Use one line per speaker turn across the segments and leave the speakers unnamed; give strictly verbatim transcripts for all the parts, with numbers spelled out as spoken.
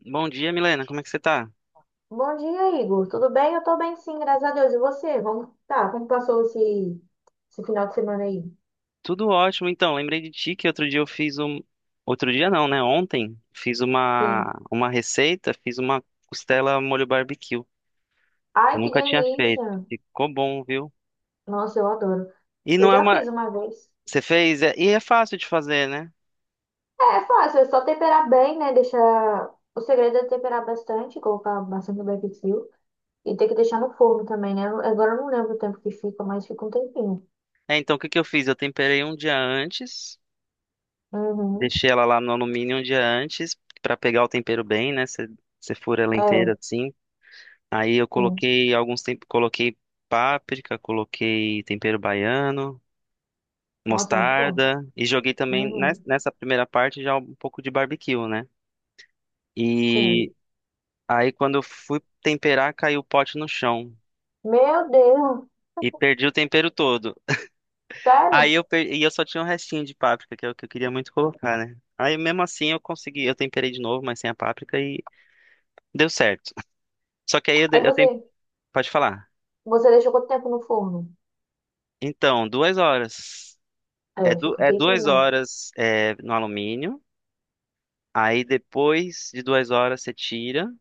Bom dia, Milena. Como é que você tá?
Bom dia, Igor. Tudo bem? Eu tô bem, sim, graças a Deus. E você? Vamos... Tá, como passou esse... esse final de semana aí?
Tudo ótimo. Então, lembrei de ti que outro dia eu fiz um. Outro dia não, né? Ontem fiz
Sim.
uma uma receita, fiz uma costela molho barbecue, que eu
Ai, que
nunca tinha feito.
delícia!
Ficou bom, viu?
Nossa, eu adoro.
E
Eu
não é
já
uma.
fiz uma vez.
Você fez? É- E é fácil de fazer, né?
É é fácil, é só temperar bem, né? Deixar. O segredo é temperar bastante, colocar bastante barbecue. E tem que deixar no forno também, né? Agora eu não lembro o tempo que fica, mas fica um tempinho.
É, então o que que eu fiz? Eu temperei um dia antes,
Uhum.
deixei ela lá no alumínio um dia antes pra pegar o tempero bem, né? Você você fura ela inteira
É,
assim. Aí eu
sim.
coloquei alguns tempos, coloquei páprica, coloquei tempero baiano,
Nossa, é muito bom.
mostarda e joguei também nes-
Uhum.
nessa primeira parte já um pouco de barbecue, né? E
Sim.
aí quando eu fui temperar, caiu o pote no chão
Meu Deus!
e perdi o tempero todo. Aí
Sério?
eu per... e eu só tinha um restinho de páprica que eu, que eu queria muito colocar, né? Aí mesmo assim eu consegui, eu temperei de novo, mas sem a páprica e deu certo. Só que aí eu,
Aí
de- eu tem...
você.
pode falar.
Você deixou quanto tempo no forno?
Então, duas horas. É,
É,
du...
fica um
é
tempinho
duas
mesmo.
horas é, no alumínio. Aí depois de duas horas você tira.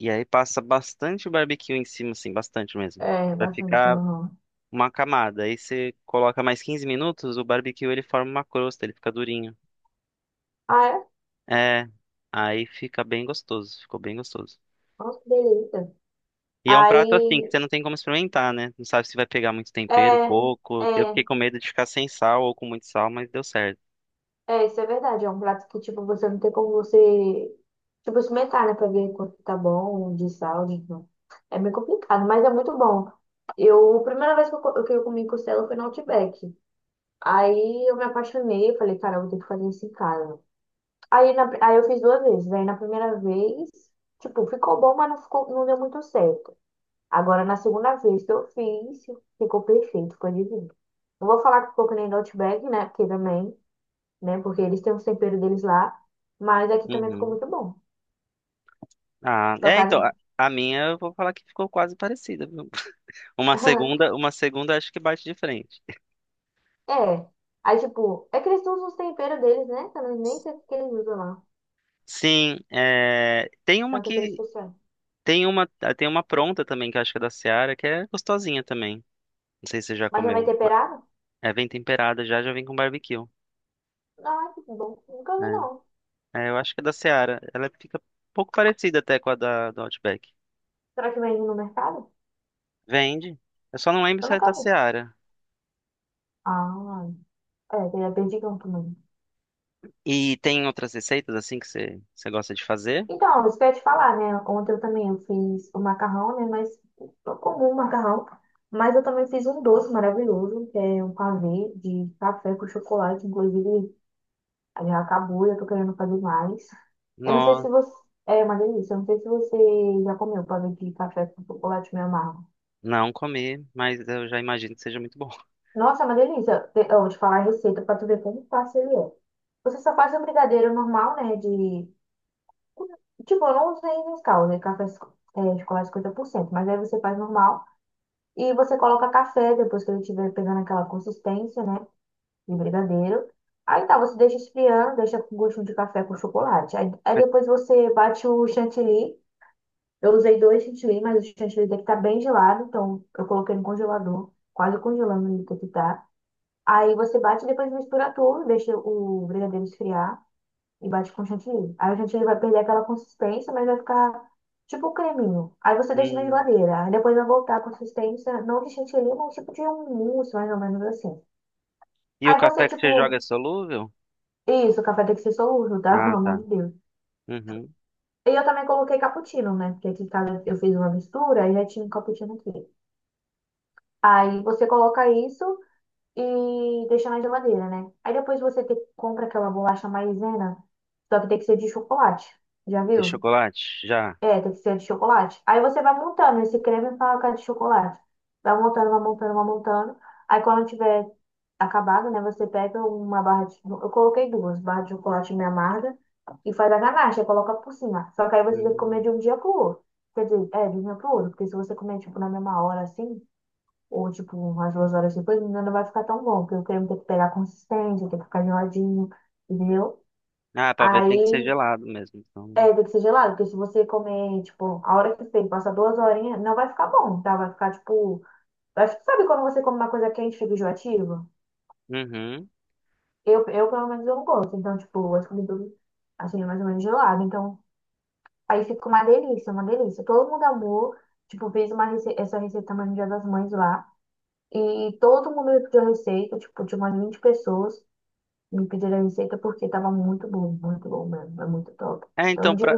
E aí passa bastante barbecue em cima, assim, bastante mesmo.
É,
Pra
bastante,
ficar
não.
uma camada. Aí você coloca mais quinze minutos, o barbecue ele forma uma crosta, ele fica durinho.
Ah, é?
É, aí fica bem gostoso, ficou bem gostoso.
Nossa, que delícia.
E é um prato assim que
Aí,
você não tem como experimentar, né? Não sabe se vai pegar muito tempero,
é,
pouco. Eu
é,
fiquei com medo de ficar sem sal ou com muito sal, mas deu certo.
é, isso é verdade. É um prato que, tipo, você não tem como você, tipo, experimentar, né? Pra ver quanto tá bom de sal, de... não. É meio complicado, mas é muito bom. Eu, a primeira vez que eu, co- que eu comi costela foi no Outback. Aí eu me apaixonei, eu falei, cara, eu vou ter que fazer isso em casa. Aí, na- aí eu fiz duas vezes. Aí na primeira vez, tipo, ficou bom, mas não ficou, não deu muito certo. Agora na segunda vez que eu fiz, ficou perfeito, ficou divino. Não vou falar que ficou que nem do Outback, né? Porque também, né? Porque eles têm os temperos deles lá. Mas aqui também ficou
Uhum.
muito bom.
Ah,
Com a
é, então,
carne.
a, a minha eu vou falar que ficou quase parecida, viu? Uma segunda, uma segunda acho que bate de frente.
É. Aí, tipo, é que eles usam os temperos deles, né? Eu nem sei o que eles usam lá.
Sim, é, tem
É
uma
um tempero
que
especial.
tem uma ah, tem uma pronta também que eu acho que é da Seara, que é gostosinha também. Não sei se você já
Mas já vem
comeu, mas...
temperado?
É, vem temperada já, já vem com barbecue.
Não, é que bom. Nunca vi, não.
É, É, eu acho que é da Seara. Ela fica um pouco parecida até com a da do Outback.
Será que vende no mercado?
Vende. Eu só não lembro
Eu
se é
nunca
da
vi.
Seara.
Ah. É, tem a Perdigão também.
E tem outras receitas assim que você, você gosta de fazer?
Então, isso que eu ia te falar, né? Ontem eu também eu fiz o macarrão, né? Mas o comum macarrão. Mas eu também fiz um doce maravilhoso, que é um pavê de café com chocolate. Inclusive, já acabou, já tô querendo fazer mais. Eu não sei se
Não,
você. É uma delícia. Eu não sei se você já comeu pavê de café com chocolate meio amargo.
não comi, mas eu já imagino que seja muito bom.
Nossa, é uma delícia. Te- Eu vou te falar a receita pra tu ver como fácil ele é. Você só faz o brigadeiro normal, né? De tipo, eu não usei Nescau, né? Café es- é, chocolate cinquenta por cento, mas aí você faz normal e você coloca café depois que ele estiver pegando aquela consistência, né? De brigadeiro. Aí tá, você deixa esfriando, deixa com gostinho de café com chocolate. Aí, aí depois você bate o chantilly. Eu usei dois chantilly, mas o chantilly daqui tá bem gelado, então eu coloquei no congelador, quase congelando ele daqui tá. Aí você bate e depois mistura tudo, deixa o brigadeiro esfriar e bate com chantilly. Aí o chantilly vai perder aquela consistência, mas vai ficar tipo um creminho. Aí você deixa na
Hum.
geladeira. Aí depois vai voltar a consistência, não de chantilly, mas um tipo de um mousse, mais ou menos assim.
E o
Aí você,
café que você
tipo,
joga é solúvel?
isso, o café tem que ser solúvel, tá? Pelo
Ah,
amor
tá.
de Deus.
Uhum.
E eu também coloquei cappuccino, né? Porque aqui em casa eu fiz uma mistura e já tinha um cappuccino aqui. Aí você coloca isso e deixa na geladeira, né? Aí depois você te- compra aquela bolacha maisena, só que tem que ser de chocolate. Já
E
viu?
chocolate? Já.
É, tem que ser de chocolate. Aí você vai montando esse creme pra cara de chocolate. Vai montando, vai montando, vai montando. Aí quando tiver acabado, né, você pega uma barra de... Eu coloquei duas, barra de chocolate meio amarga e faz a ganache, aí coloca por cima. Só que aí você tem que comer
Hum.
de um dia pro outro. Quer dizer, é, de um dia pro outro. Porque se você comer, tipo, na mesma hora, assim, ou, tipo, umas duas horas depois, não vai ficar tão bom. Porque o creme tem que pegar consistência, tem que ficar geladinho, entendeu?
Ah, pra ver tem que ser
Aí
gelado mesmo, então.
é, tem que ser gelado, porque se você comer, tipo, a hora que você passar duas horinhas, não vai ficar bom, tá? Vai ficar, tipo... Acho que sabe quando você come uma coisa quente, fica enjoativa?
Uhum.
Eu, eu, pelo menos, eu não gosto. Então, tipo, acho que tudo, assim, é mais ou menos gelado. Então, aí fica uma delícia, uma delícia. Todo mundo amou. Tipo, fez uma rece... essa receita também no Dia das Mães lá. E todo mundo me pediu a receita, tipo, tinha umas vinte pessoas me pediram a receita porque tava muito bom, muito bom mesmo. É muito top.
É,
Então, eu
então,
indico...
pra,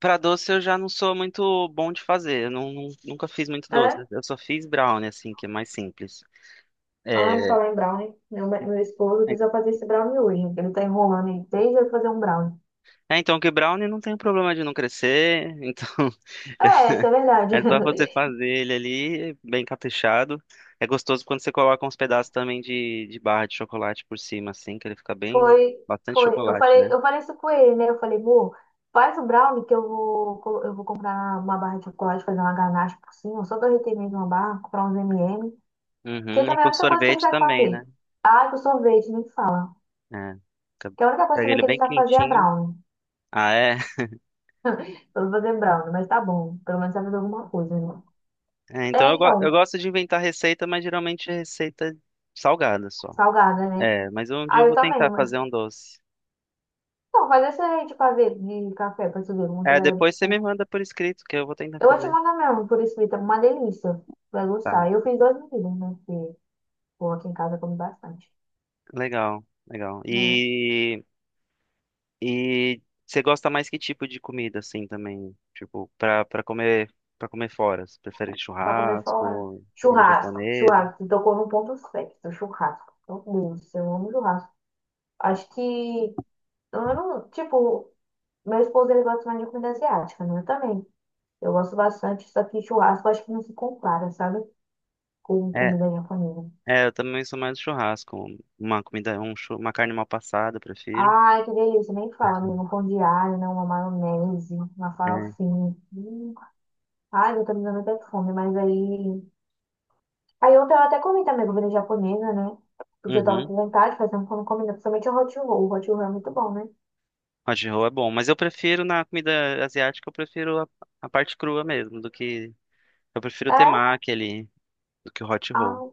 pra doce eu já não sou muito bom de fazer. Eu não, não- nunca fiz muito doce,
É?
né? Eu só fiz brownie, assim, que é mais simples.
Ai,
É,
falar em brownie, meu, meu esposo
é,
precisa fazer esse brownie hoje. Porque ele tá enrolando aí desde eu fazer um brownie.
é, então, que brownie não tem problema de não crescer. Então,
É, isso é verdade.
é só você fazer ele ali, bem caprichado. É gostoso quando você coloca uns pedaços também de, de barra de chocolate por cima, assim, que ele fica bem,
Foi,
bastante
foi. Eu
chocolate,
falei,
né?
eu falei isso com ele, né? Eu falei, amor, faz o brownie que eu vou, colo- eu vou comprar uma barra de chocolate, fazer uma ganache por cima, só derreter mesmo uma barra, comprar uns M e M, que
Uhum. E
também é a
com
única coisa que ele
sorvete
sabe
também, né?
fazer. Ah, que o sorvete, nem fala.
É. Fica-
Que a única coisa
Pega
também
ele
que ele
bem
sabe fazer é
quentinho.
brownie.
Ah, é?
Eu vou fazer brownie, mas tá bom. Pelo menos sabe fazer alguma coisa, né?
É, então
É,
eu, go- eu
então,
gosto de inventar receita, mas geralmente é receita salgada só.
salgada, né?
É, mas um dia
Ah,
eu
eu
vou
também.
tentar
Né?
fazer um doce.
Então, faz esse aí de café, de café pra tu ver como que
É,
vai.
depois você me manda por escrito que eu vou tentar
Eu vou te
fazer.
mandar mesmo, por escrito, é uma delícia. Vai
Tá,
gostar. Eu fiz duas medidas, né? Porque, pô, aqui em casa eu como bastante,
legal, legal.
né?
E, e você gosta mais que tipo de comida, assim, também? Tipo, pra, pra comer, pra comer fora? Você prefere
Pra comer fora.
churrasco, comida
Churrasco,
japonesa?
churrasco. Tu tocou num ponto certo, churrasco. Meu Deus, eu amo churrasco. Acho que, eu não, tipo, meu esposo, ele gosta mais de comida asiática, né? Eu também. Eu gosto bastante, só que churrasco acho que não se compara, sabe? Com
É,
comida japonesa.
é, eu também sou mais do churrasco. Uma comida, um, chu- uma carne mal passada, eu prefiro.
Ai, que delícia, nem fala, menino. Um pão de alho, né? Uma maionese, uma
É.
farofinha. Hum. Ai, eu tô me dando até fome, mas aí. Aí ontem eu até comi também comida japonesa, né? Porque eu tava
Uhum.
com vontade de fazer uma comida, principalmente o hot roll. O hot roll é muito bom, né?
Hot roll é bom, mas eu prefiro na comida asiática, eu prefiro a, a parte crua mesmo, do que eu prefiro o
É?
temaki ali, do que o hot
Ah,
roll.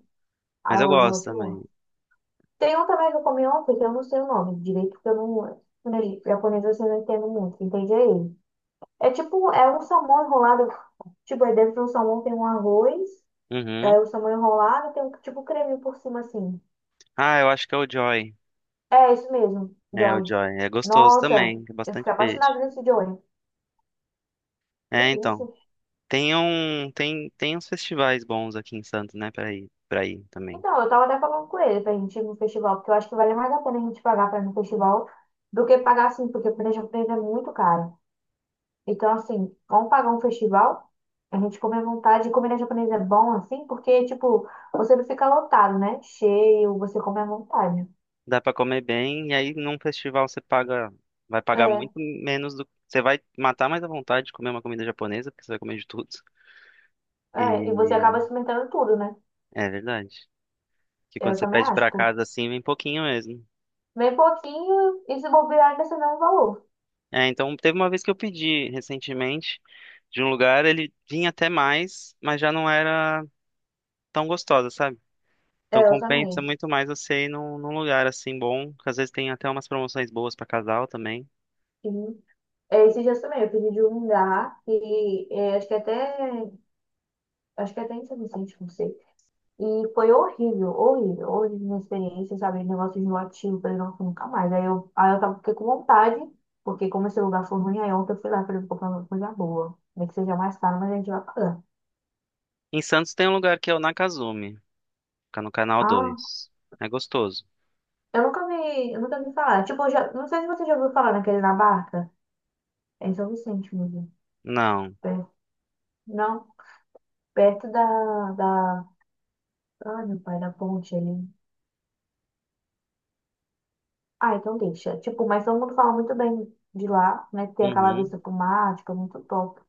ah,
Mas
eu
eu
gosto
gosto
de hot roll.
também.
Tem um também que eu comi ontem, que eu não sei o nome direito, porque eu não. Quando ele- japonês assim, eu não entendo muito, entende aí? É tipo, é um salmão enrolado. Tipo, aí dentro do salmão tem um arroz. Aí
Uhum.
o samba enrolado tem um tipo creme por cima assim.
Ah, eu acho que é o Joy.
É isso mesmo,
É o
Joy.
Joy, é gostoso
Nossa,
também, é
eu
bastante
fiquei
peixe.
apaixonada nesse Joy.
É, então,
Delícia.
tem um tem tem uns festivais bons aqui em Santos, né, para ir, para ir também.
Então, eu tava até falando com ele pra gente ir no festival, porque eu acho que vale mais a pena a gente pagar pra ir no festival do que pagar assim, porque o planejamento japonês é muito caro. Então, assim, vamos pagar um festival, a gente come à vontade, e comer na japonesa é bom, assim, porque, tipo, você não fica lotado, né? Cheio, você come à vontade.
Dá pra comer bem e aí num festival você paga, vai pagar
É,
muito menos do você vai matar mais à vontade de comer uma comida japonesa, porque você vai comer de tudo.
é, e você acaba
E
experimentando tudo, né?
é verdade. Que quando
Eu
você
também
pede
acho,
pra casa assim, vem pouquinho mesmo.
bem pouquinho e se bobear ainda você não valor.
É, então teve uma vez que eu pedi recentemente de um lugar, ele vinha até mais, mas já não era tão gostosa, sabe?
É,
Então
eu
compensa
também.
muito mais você ir num, num lugar assim bom, que às vezes tem até umas promoções boas pra casal também.
Sim. É, esses dias também, eu pedi de um lugar e é, acho que até, acho que até em São Vicente, não sei. E foi horrível, horrível, horrível minha experiência, sabe? Negócio enjoativo, falei, não, fui nunca mais. Aí eu, aí eu tava, fiquei com vontade, porque como esse lugar foi ruim, aí ontem eu fui lá, falei, vou comprar uma coisa boa. Nem que seja mais caro, mas a gente vai pagar.
Em Santos tem um lugar que é o Nakazumi, fica no canal
Ah,
Dois. É gostoso.
eu nunca vi, eu nunca vi falar. Tipo, eu já, não sei se você já ouviu falar naquele na barca. É em São Vicente mesmo.
Não.
É. Não? Perto da, da. Ai, meu pai, da ponte ali. Ah, então deixa. Tipo, mas todo mundo fala muito bem de lá, né? Que tem aquela
Uhum.
vista pro mar, tipo, é muito top.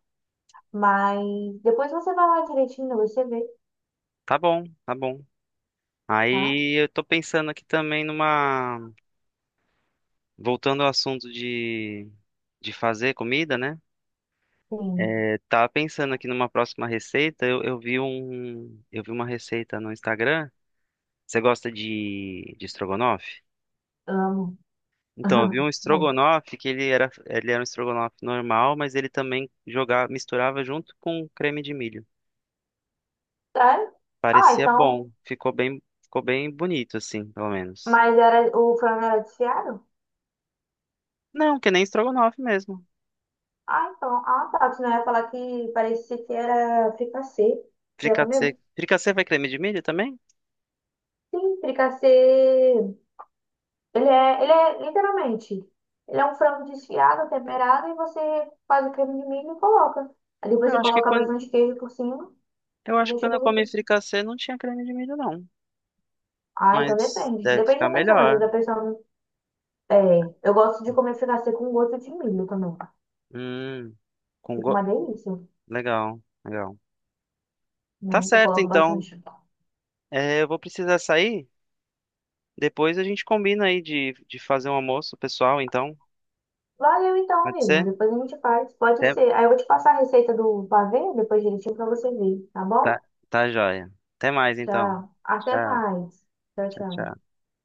Mas depois você vai lá direitinho, você vê,
Tá bom, tá bom.
tá?
Aí eu tô pensando aqui também numa... Voltando ao assunto de, de fazer comida, né?
Sim,
É, tava pensando aqui numa próxima receita. Eu, eu vi um, eu vi uma receita no Instagram. Você gosta de, de estrogonofe?
amo.
Então, eu vi um
Bom,
estrogonofe que ele era, ele era um estrogonofe normal, mas ele também jogava, misturava junto com creme de milho.
tá? Ah,
Parecia
então.
bom, ficou bem, ficou bem bonito assim, pelo menos.
Mas era, o frango era desfiado?
Não, que nem estrogonofe mesmo.
Ah, então. Ah, tá. Senão eu ia falar que parecia que era fricassê. Você já
Fricassê,
comeu?
fricassê vai creme de milho também?
Sim, fricassê. Ele é, ele é literalmente, ele é um frango desfiado, temperado, e você faz o creme de milho e coloca. Aí depois
Eu
você
acho que
coloca
quando
bastante queijo por cima
Eu
e
acho que
deixa
quando eu comi
derreter.
fricassê não tinha creme de milho, não.
Ah, então
Mas
depende.
deve
Depende
ficar
da pessoa, que às
melhor.
vezes a pessoa não- é, eu gosto de comer fricassê com gosto de milho também.
Hum, com
Fica
go...
uma delícia,
Legal, legal.
né?
Tá
Eu
certo,
coloco
então.
bastante.
É, eu vou precisar sair. Depois a gente combina aí de, de fazer um almoço pessoal, então.
Valeu então,
Pode
amigo.
ser?
Depois a gente faz. Pode
Até...
ser. Aí eu vou te passar a receita do pavê, depois direitinho pra você ver, tá
Tá,
bom?
tá joia. Até mais, então.
Tchau. Até
Tchau,
mais. Tchau,
tchau,
tchau.
tchau.